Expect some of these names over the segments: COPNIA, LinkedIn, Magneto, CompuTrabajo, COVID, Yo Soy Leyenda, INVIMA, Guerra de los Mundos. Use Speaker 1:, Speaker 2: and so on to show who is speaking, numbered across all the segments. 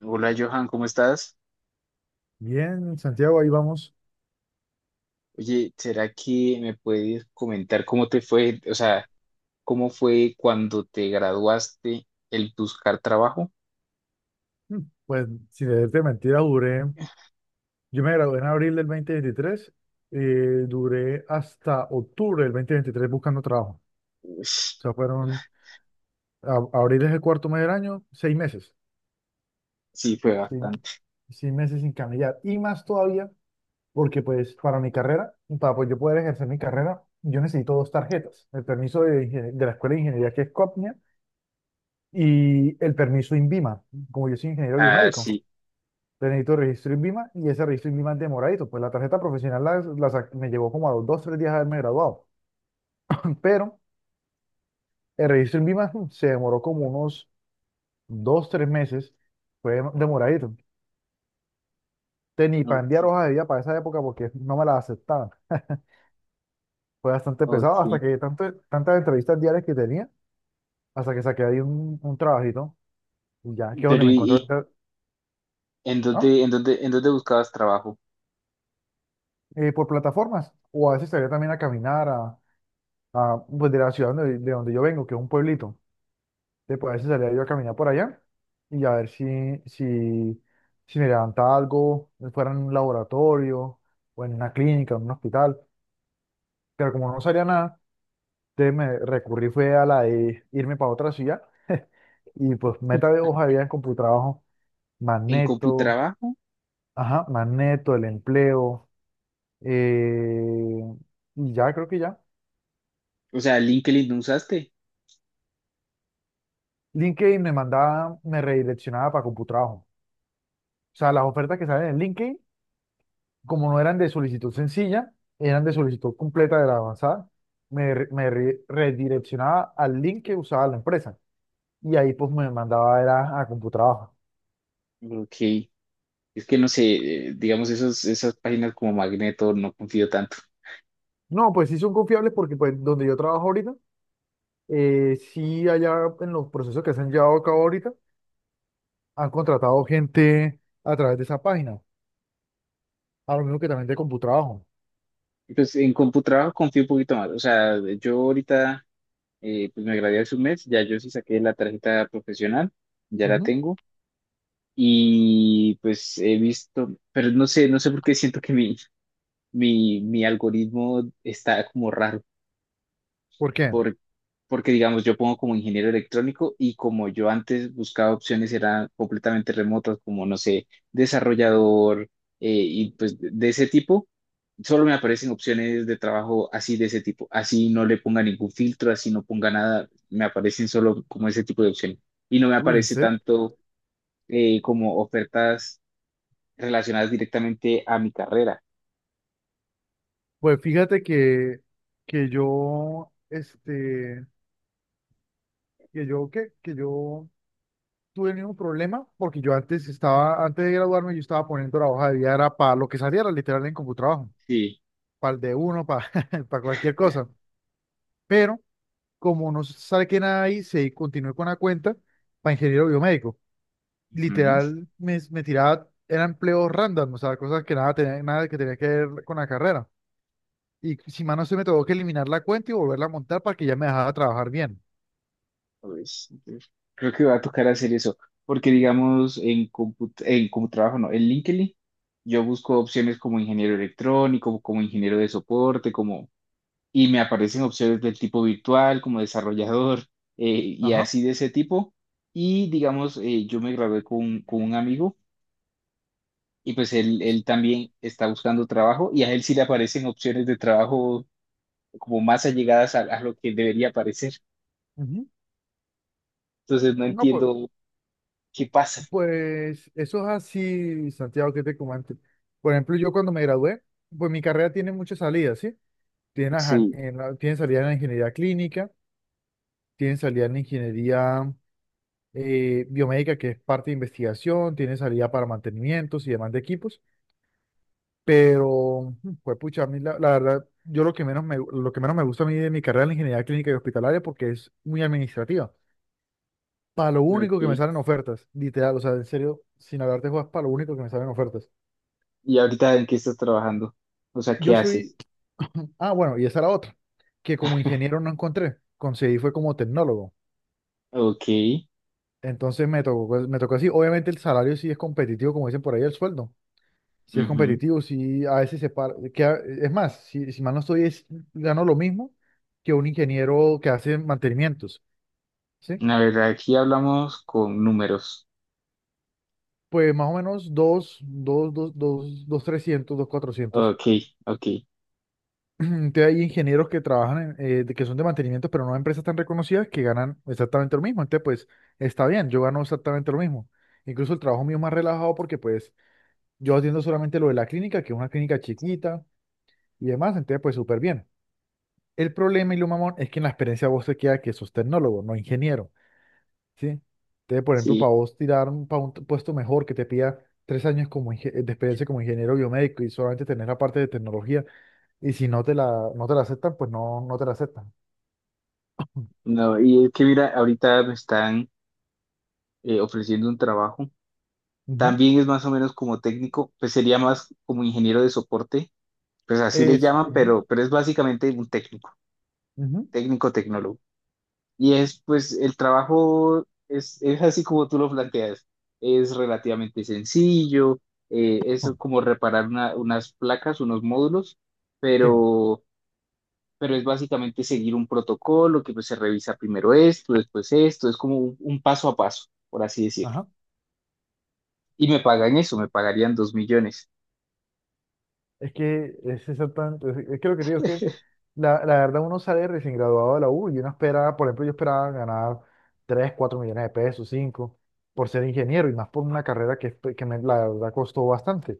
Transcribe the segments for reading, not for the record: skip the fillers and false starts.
Speaker 1: Hola Johan, ¿cómo estás?
Speaker 2: Bien, Santiago, ahí vamos.
Speaker 1: Oye, ¿será que me puedes comentar cómo te fue, o sea, cómo fue cuando te graduaste el buscar trabajo?
Speaker 2: Mm, Pues, sin decirte mentira, duré. Yo me gradué en abril del 2023 . Duré hasta octubre del 2023 buscando trabajo. O
Speaker 1: Ush,
Speaker 2: sea, fueron. Abril es el cuarto mes del año, 6 meses.
Speaker 1: sí, fue
Speaker 2: Sí,
Speaker 1: bastante.
Speaker 2: 6 meses sin cambiar. Y más todavía, porque, pues, para mi carrera, para pues, yo poder ejercer mi carrera, yo necesito dos tarjetas: el permiso de la Escuela de Ingeniería, que es COPNIA, y el permiso INVIMA, como yo soy ingeniero
Speaker 1: Ah,
Speaker 2: biomédico.
Speaker 1: sí.
Speaker 2: Te necesito registro en INVIMA y ese registro en INVIMA es demoradito. Pues la tarjeta profesional me llevó como a los dos, tres días de haberme graduado. Pero el registro en INVIMA se demoró como unos dos, tres meses. Fue demoradito. Te ni para
Speaker 1: Ok,
Speaker 2: enviar hojas de vida para esa época porque no me las aceptaban. Fue bastante pesado hasta
Speaker 1: ok.
Speaker 2: que tanto, tantas entrevistas diarias que tenía, hasta que saqué ahí un trabajito. Y ya, que es
Speaker 1: Pero
Speaker 2: donde me encuentro
Speaker 1: ¿y
Speaker 2: ahorita.
Speaker 1: y
Speaker 2: ¿Ah?
Speaker 1: en dónde buscabas trabajo?
Speaker 2: Por plataformas. O a veces salía también a caminar pues de la ciudad de donde yo vengo, que es un pueblito. Después a veces salía yo a caminar por allá y a ver si, si me levantaba algo, fuera en un laboratorio o en una clínica, en un hospital. Pero como no salía nada, entonces me recurrí fue a la de irme para otra ciudad y pues meta de hoja había en Computrabajo,
Speaker 1: ¿En
Speaker 2: Magneto,
Speaker 1: CompuTrabajo?
Speaker 2: ajá, Magneto, el empleo, eh, y ya creo que ya.
Speaker 1: O sea, ¿LinkedIn no usaste?
Speaker 2: LinkedIn me mandaba, me redireccionaba para CompuTrabajo. O sea, las ofertas que salen en LinkedIn como no eran de solicitud sencilla, eran de solicitud completa de la avanzada, me redireccionaba al link que usaba la empresa y ahí pues me mandaba era a Computrabajo.
Speaker 1: Ok. Es que no sé, digamos, esas páginas como Magneto no confío tanto.
Speaker 2: No, pues sí son confiables porque pues donde yo trabajo ahorita, sí allá en los procesos que se han llevado a cabo ahorita, han contratado gente a través de esa página, a lo mismo que también de Computrabajo.
Speaker 1: Pues en CompuTrabajo confío un poquito más. O sea, yo ahorita pues me gradué hace un mes, ya yo sí saqué la tarjeta profesional, ya la
Speaker 2: Ujú.
Speaker 1: tengo y pues he visto, pero no sé, por qué siento que mi algoritmo está como raro
Speaker 2: ¿Por qué?
Speaker 1: por- porque digamos, yo pongo como ingeniero electrónico y como yo antes buscaba opciones eran completamente remotas, como no sé, desarrollador y pues de ese tipo, solo me aparecen opciones de trabajo así de ese tipo, así no le ponga ningún filtro, así no ponga nada, me aparecen solo como ese tipo de opciones y no me
Speaker 2: Uy, ¿en
Speaker 1: aparece
Speaker 2: serio?
Speaker 1: tanto como ofertas relacionadas directamente a mi carrera.
Speaker 2: Pues fíjate que yo, este, que yo, ¿qué? Que yo tuve el mismo problema porque yo antes estaba, antes de graduarme, yo estaba poniendo la hoja de vida, era para lo que saliera literal en Computrabajo,
Speaker 1: Sí.
Speaker 2: para el de uno, para, para cualquier cosa. Pero como no sale que nada ahí, se continué con la cuenta para ingeniero biomédico.
Speaker 1: Ujú.
Speaker 2: Literal, me tiraba, era empleo random, o sea, cosas que nada, tenía, nada que tenía que ver con la carrera. Y si más no se me tuvo que eliminar la cuenta y volverla a montar para que ya me dejara trabajar bien.
Speaker 1: Pues, entonces, creo que va a tocar hacer eso, porque digamos en como trabajo, no, en LinkedIn, yo busco opciones como ingeniero electrónico, como ingeniero de soporte, como y me aparecen opciones del tipo virtual, como desarrollador eh, y
Speaker 2: Ajá.
Speaker 1: así de ese tipo. Y digamos, yo me gradué con un amigo y pues él también está buscando trabajo y a él sí le aparecen opciones de trabajo como más allegadas a lo que debería aparecer.
Speaker 2: Ujú.
Speaker 1: Entonces no
Speaker 2: No, pues
Speaker 1: entiendo qué pasa.
Speaker 2: Pues eso es así, Santiago, que te comento. Por ejemplo, yo cuando me gradué, pues mi carrera tiene muchas salidas, ¿sí? Tiene, aja-
Speaker 1: Sí,
Speaker 2: en la- tiene salida en la ingeniería clínica, tiene salida en la ingeniería biomédica, que es parte de investigación, tiene salida para mantenimientos y demás de equipos, pero, pues pucha, a mí la verdad, yo lo que menos me gusta a mí de mi carrera en la ingeniería clínica y hospitalaria porque es muy administrativa. Para lo único que me
Speaker 1: ok.
Speaker 2: salen ofertas, literal, o sea, en serio, sin hablarte juegas, para lo único que me salen ofertas.
Speaker 1: ¿Y ahorita en qué estás trabajando? O sea, ¿qué
Speaker 2: Yo
Speaker 1: haces?
Speaker 2: soy Ah, bueno, y esa era otra, que como ingeniero no encontré, conseguí fue como tecnólogo.
Speaker 1: Ok.
Speaker 2: Entonces me tocó, pues, me tocó así. Obviamente el salario sí es competitivo, como dicen por ahí, el sueldo. Sí es
Speaker 1: Ujú.
Speaker 2: competitivo, sí a veces se para. Que es más, si mal no estoy, gano lo mismo que un ingeniero que hace mantenimientos, ¿sí?
Speaker 1: La verdad, aquí hablamos con números.
Speaker 2: Pues más o menos dos, dos, dos, dos, dos, 300, dos, 400.
Speaker 1: Ok, ok.
Speaker 2: Entonces hay ingenieros que trabajan, que son de mantenimiento, pero no en empresas tan reconocidas que ganan exactamente lo mismo. Entonces, pues, está bien, yo gano exactamente lo mismo. Incluso el trabajo mío es más relajado porque, pues, yo atiendo solamente lo de la clínica, que es una clínica chiquita y demás, entonces, pues, súper bien. El problema y lo mamón es que en la experiencia vos te queda que sos tecnólogo, no ingeniero, ¿sí? Entonces, por ejemplo,
Speaker 1: Sí.
Speaker 2: para vos tirar para un puesto mejor que te pida 3 años como de experiencia como ingeniero biomédico y solamente tener la parte de tecnología, y si no te la, no te la aceptan, pues no, no te la aceptan. Ujú.
Speaker 1: No, y es que mira, ahorita me están ofreciendo un trabajo. También es más o menos como técnico, pues sería más como ingeniero de soporte. Pues así le
Speaker 2: Eso.
Speaker 1: llaman,
Speaker 2: Ujú.
Speaker 1: pero, es básicamente un técnico,
Speaker 2: Ujú.
Speaker 1: técnico tecnólogo. Y es, pues, el trabajo es así como tú lo planteas. Es relativamente sencillo, es
Speaker 2: Ujú.
Speaker 1: como reparar unas placas, unos módulos,
Speaker 2: Sí.
Speaker 1: pero, pero, es básicamente seguir un protocolo que pues, se revisa primero esto, después esto, es como un paso a paso, por así decirlo.
Speaker 2: Ajá.
Speaker 1: Y me pagan eso, me pagarían 2 millones,
Speaker 2: Es que es exactamente, es que lo que te digo es que la verdad uno sale recién graduado de la U y uno espera, por ejemplo, yo esperaba ganar 3 4 millones de pesos, 5 por ser ingeniero y más por una carrera que, pues, la verdad costó bastante.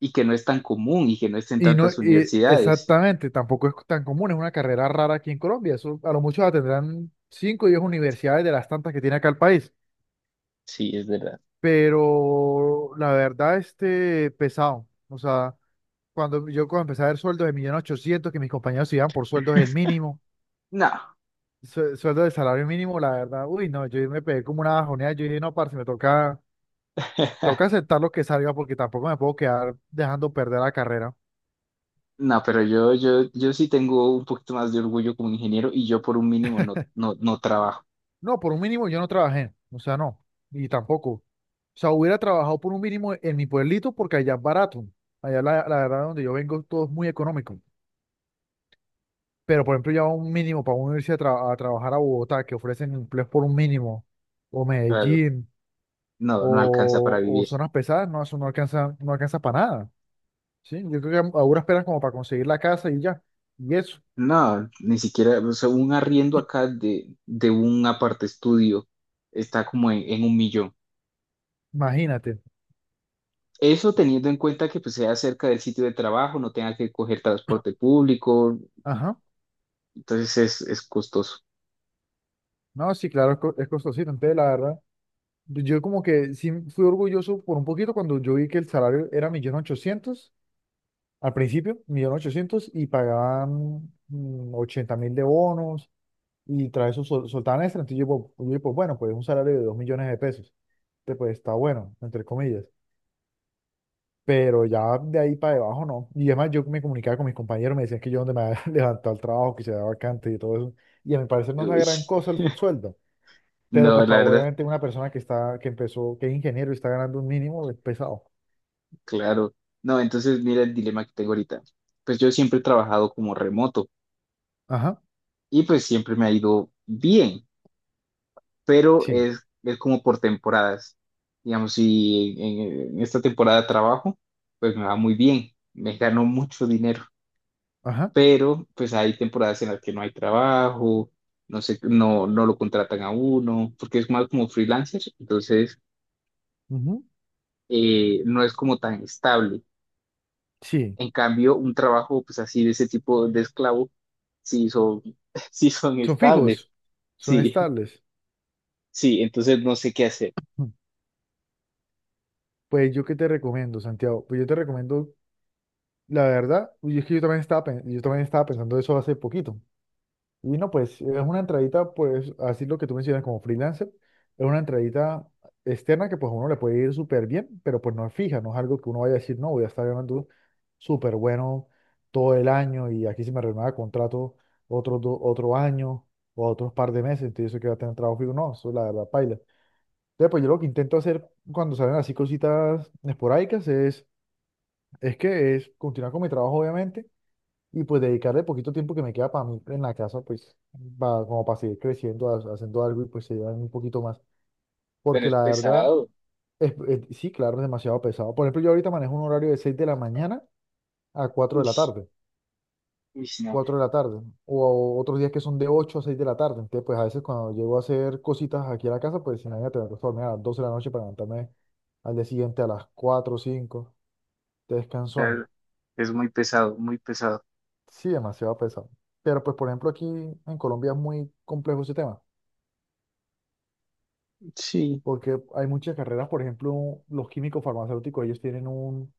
Speaker 1: y que no es tan común y que no esté en
Speaker 2: Y no,
Speaker 1: tantas
Speaker 2: y
Speaker 1: universidades.
Speaker 2: exactamente, tampoco es tan común, es una carrera rara aquí en Colombia. Eso a lo mucho la tendrán 5 o 10 universidades de las tantas que tiene acá el país.
Speaker 1: Sí, es verdad.
Speaker 2: Pero la verdad, este, pesado. O sea, cuando empecé a ver sueldos de 1.800.000, que mis compañeros se iban por sueldos del mínimo,
Speaker 1: No.
Speaker 2: sueldo de salario mínimo, la verdad, uy, no, yo me pegué como una bajoneada, yo dije, no, parce, me toca, toca aceptar lo que salga porque tampoco me puedo quedar dejando perder la carrera.
Speaker 1: No, pero yo, sí tengo un poquito más de orgullo como ingeniero y yo por un mínimo no, no, no trabajo.
Speaker 2: No, por un mínimo yo no trabajé, o sea, no, y tampoco. O sea, hubiera trabajado por un mínimo en mi pueblito porque allá es barato. Allá la verdad donde yo vengo todo es muy económico. Pero por ejemplo, ya un mínimo para uno irse a trabajar a Bogotá, que ofrecen empleos por un mínimo, o
Speaker 1: Claro,
Speaker 2: Medellín
Speaker 1: no, no alcanza para
Speaker 2: o
Speaker 1: vivir.
Speaker 2: zonas pesadas, no, eso no alcanza, no alcanza para nada, ¿sí? Yo creo que ahora esperan como para conseguir la casa y ya, y eso,
Speaker 1: No, ni siquiera, o sea, un arriendo acá de, un aparte estudio está como en 1 millón.
Speaker 2: imagínate,
Speaker 1: Eso teniendo en cuenta que pues sea cerca del sitio de trabajo, no tenga que coger transporte público,
Speaker 2: ajá,
Speaker 1: entonces es costoso.
Speaker 2: no, sí, claro, es costosito, entonces la verdad, yo como que sí fui orgulloso por un poquito cuando yo vi que el salario era 1.800.000, al principio, 1.800.000, y pagaban 80.000 de bonos, y tras eso soltaban extra, entonces yo, pues bueno, pues un salario de 2.000.000 de pesos, entonces pues está bueno, entre comillas. Pero ya de ahí para debajo no. Y además yo me comunicaba con mis compañeros, me decían que yo donde me había levantado el trabajo, que se daba vacante y todo eso. Y a mi parecer no es la
Speaker 1: Uy,
Speaker 2: gran cosa el sueldo. Pero
Speaker 1: no,
Speaker 2: pues
Speaker 1: la
Speaker 2: para
Speaker 1: verdad,
Speaker 2: obviamente una persona que está, que empezó, que es ingeniero y está ganando un mínimo, es pesado.
Speaker 1: claro. No, entonces mira el dilema que tengo ahorita. Pues yo siempre he trabajado como remoto
Speaker 2: Ajá,
Speaker 1: y pues siempre me ha ido bien, pero
Speaker 2: sí,
Speaker 1: es como por temporadas. Digamos, si en esta temporada trabajo, pues me va muy bien, me gano mucho dinero,
Speaker 2: ajá,
Speaker 1: pero pues hay temporadas en las que no hay trabajo, no sé, no, no lo contratan a uno, porque es más como freelancer, entonces
Speaker 2: ujú,
Speaker 1: no es como tan estable.
Speaker 2: sí.
Speaker 1: En cambio, un trabajo pues así de ese tipo de esclavo, sí son, sí son
Speaker 2: Son
Speaker 1: estables,
Speaker 2: fijos, son
Speaker 1: sí,
Speaker 2: estables.
Speaker 1: sí, entonces no sé qué hacer.
Speaker 2: Mm. Pues yo qué te recomiendo, Santiago. Pues yo te recomiendo, la verdad, y es que yo también estaba, yo también estaba pensando eso hace poquito. Y no, pues es una entradita, pues así lo que tú mencionas como freelancer, es una entradita externa que pues a uno le puede ir súper bien, pero pues no es fija, no es algo que uno vaya a decir, no, voy a estar ganando súper bueno todo el año y aquí se me renueva contrato otro, otro año o otros par de meses, entonces eso que va a tener trabajo fijo, no, eso la verdad paila. Entonces pues yo lo que intento hacer cuando salen así cositas esporádicas es continuar con mi trabajo obviamente y pues dedicarle poquito tiempo que me queda para mí en la casa, pues para, como para seguir creciendo, haciendo algo y pues se llevan un poquito más.
Speaker 1: Pero
Speaker 2: Porque
Speaker 1: es
Speaker 2: la verdad,
Speaker 1: pesado.
Speaker 2: sí, claro, es demasiado pesado. Por ejemplo, yo ahorita manejo un horario de 6 de la mañana a cuatro de
Speaker 1: Uy,
Speaker 2: la tarde,
Speaker 1: uy, no.
Speaker 2: 4 de la tarde, o, otros días que son de 8 a 6 de la tarde. Entonces, pues a veces cuando llego a hacer cositas aquí a la casa, pues imagínate, me acuesto a dormir a las 12 de la noche para levantarme al día siguiente a las 4 o 5, descansón.
Speaker 1: Claro, es muy pesado, muy pesado.
Speaker 2: Sí, demasiado pesado. Pero pues, por ejemplo, aquí en Colombia es muy complejo ese tema,
Speaker 1: Sí,
Speaker 2: porque hay muchas carreras, por ejemplo, los químicos farmacéuticos, ellos tienen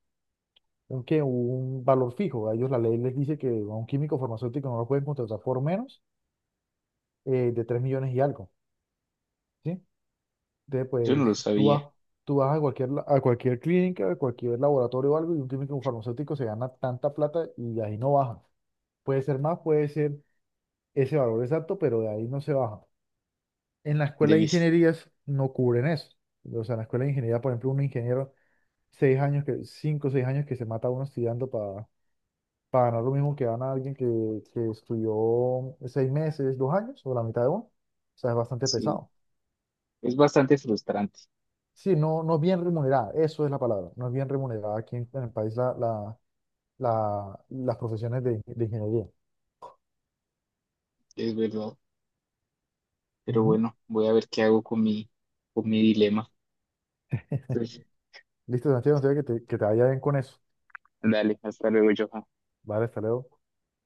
Speaker 2: un, ¿qué? Un valor fijo. A ellos la ley les dice que a un químico farmacéutico no lo pueden contratar por menos de 3.000.000 y algo, ¿sí? Entonces,
Speaker 1: yo no lo
Speaker 2: pues tú vas,
Speaker 1: sabía.
Speaker 2: tú vas a cualquier, a cualquier clínica, a cualquier laboratorio o algo, y un químico farmacéutico se gana tanta plata y ahí no baja. Puede ser más, puede ser ese valor exacto, pero de ahí no se baja. En la escuela de
Speaker 1: Debí.
Speaker 2: ingenierías no cubren eso. O sea, en la escuela de ingeniería, por ejemplo, un ingeniero 6 años que, 5 o 6 años que se mata uno estudiando para ganar lo mismo que gana alguien que estudió 6 meses, 2 años o la mitad de uno. O sea, es bastante
Speaker 1: Sí,
Speaker 2: pesado.
Speaker 1: es bastante frustrante,
Speaker 2: Sí, no, no es bien remunerada, eso es la palabra. No es bien remunerada aquí en el país las profesiones de ingeniería.
Speaker 1: es verdad. Pero
Speaker 2: Ujú.
Speaker 1: bueno, voy a ver qué hago con mi, dilema. Entonces,
Speaker 2: Listo, Santiago, no sé que te vaya bien con eso.
Speaker 1: dale, hasta luego, Johan.
Speaker 2: Vale, hasta luego.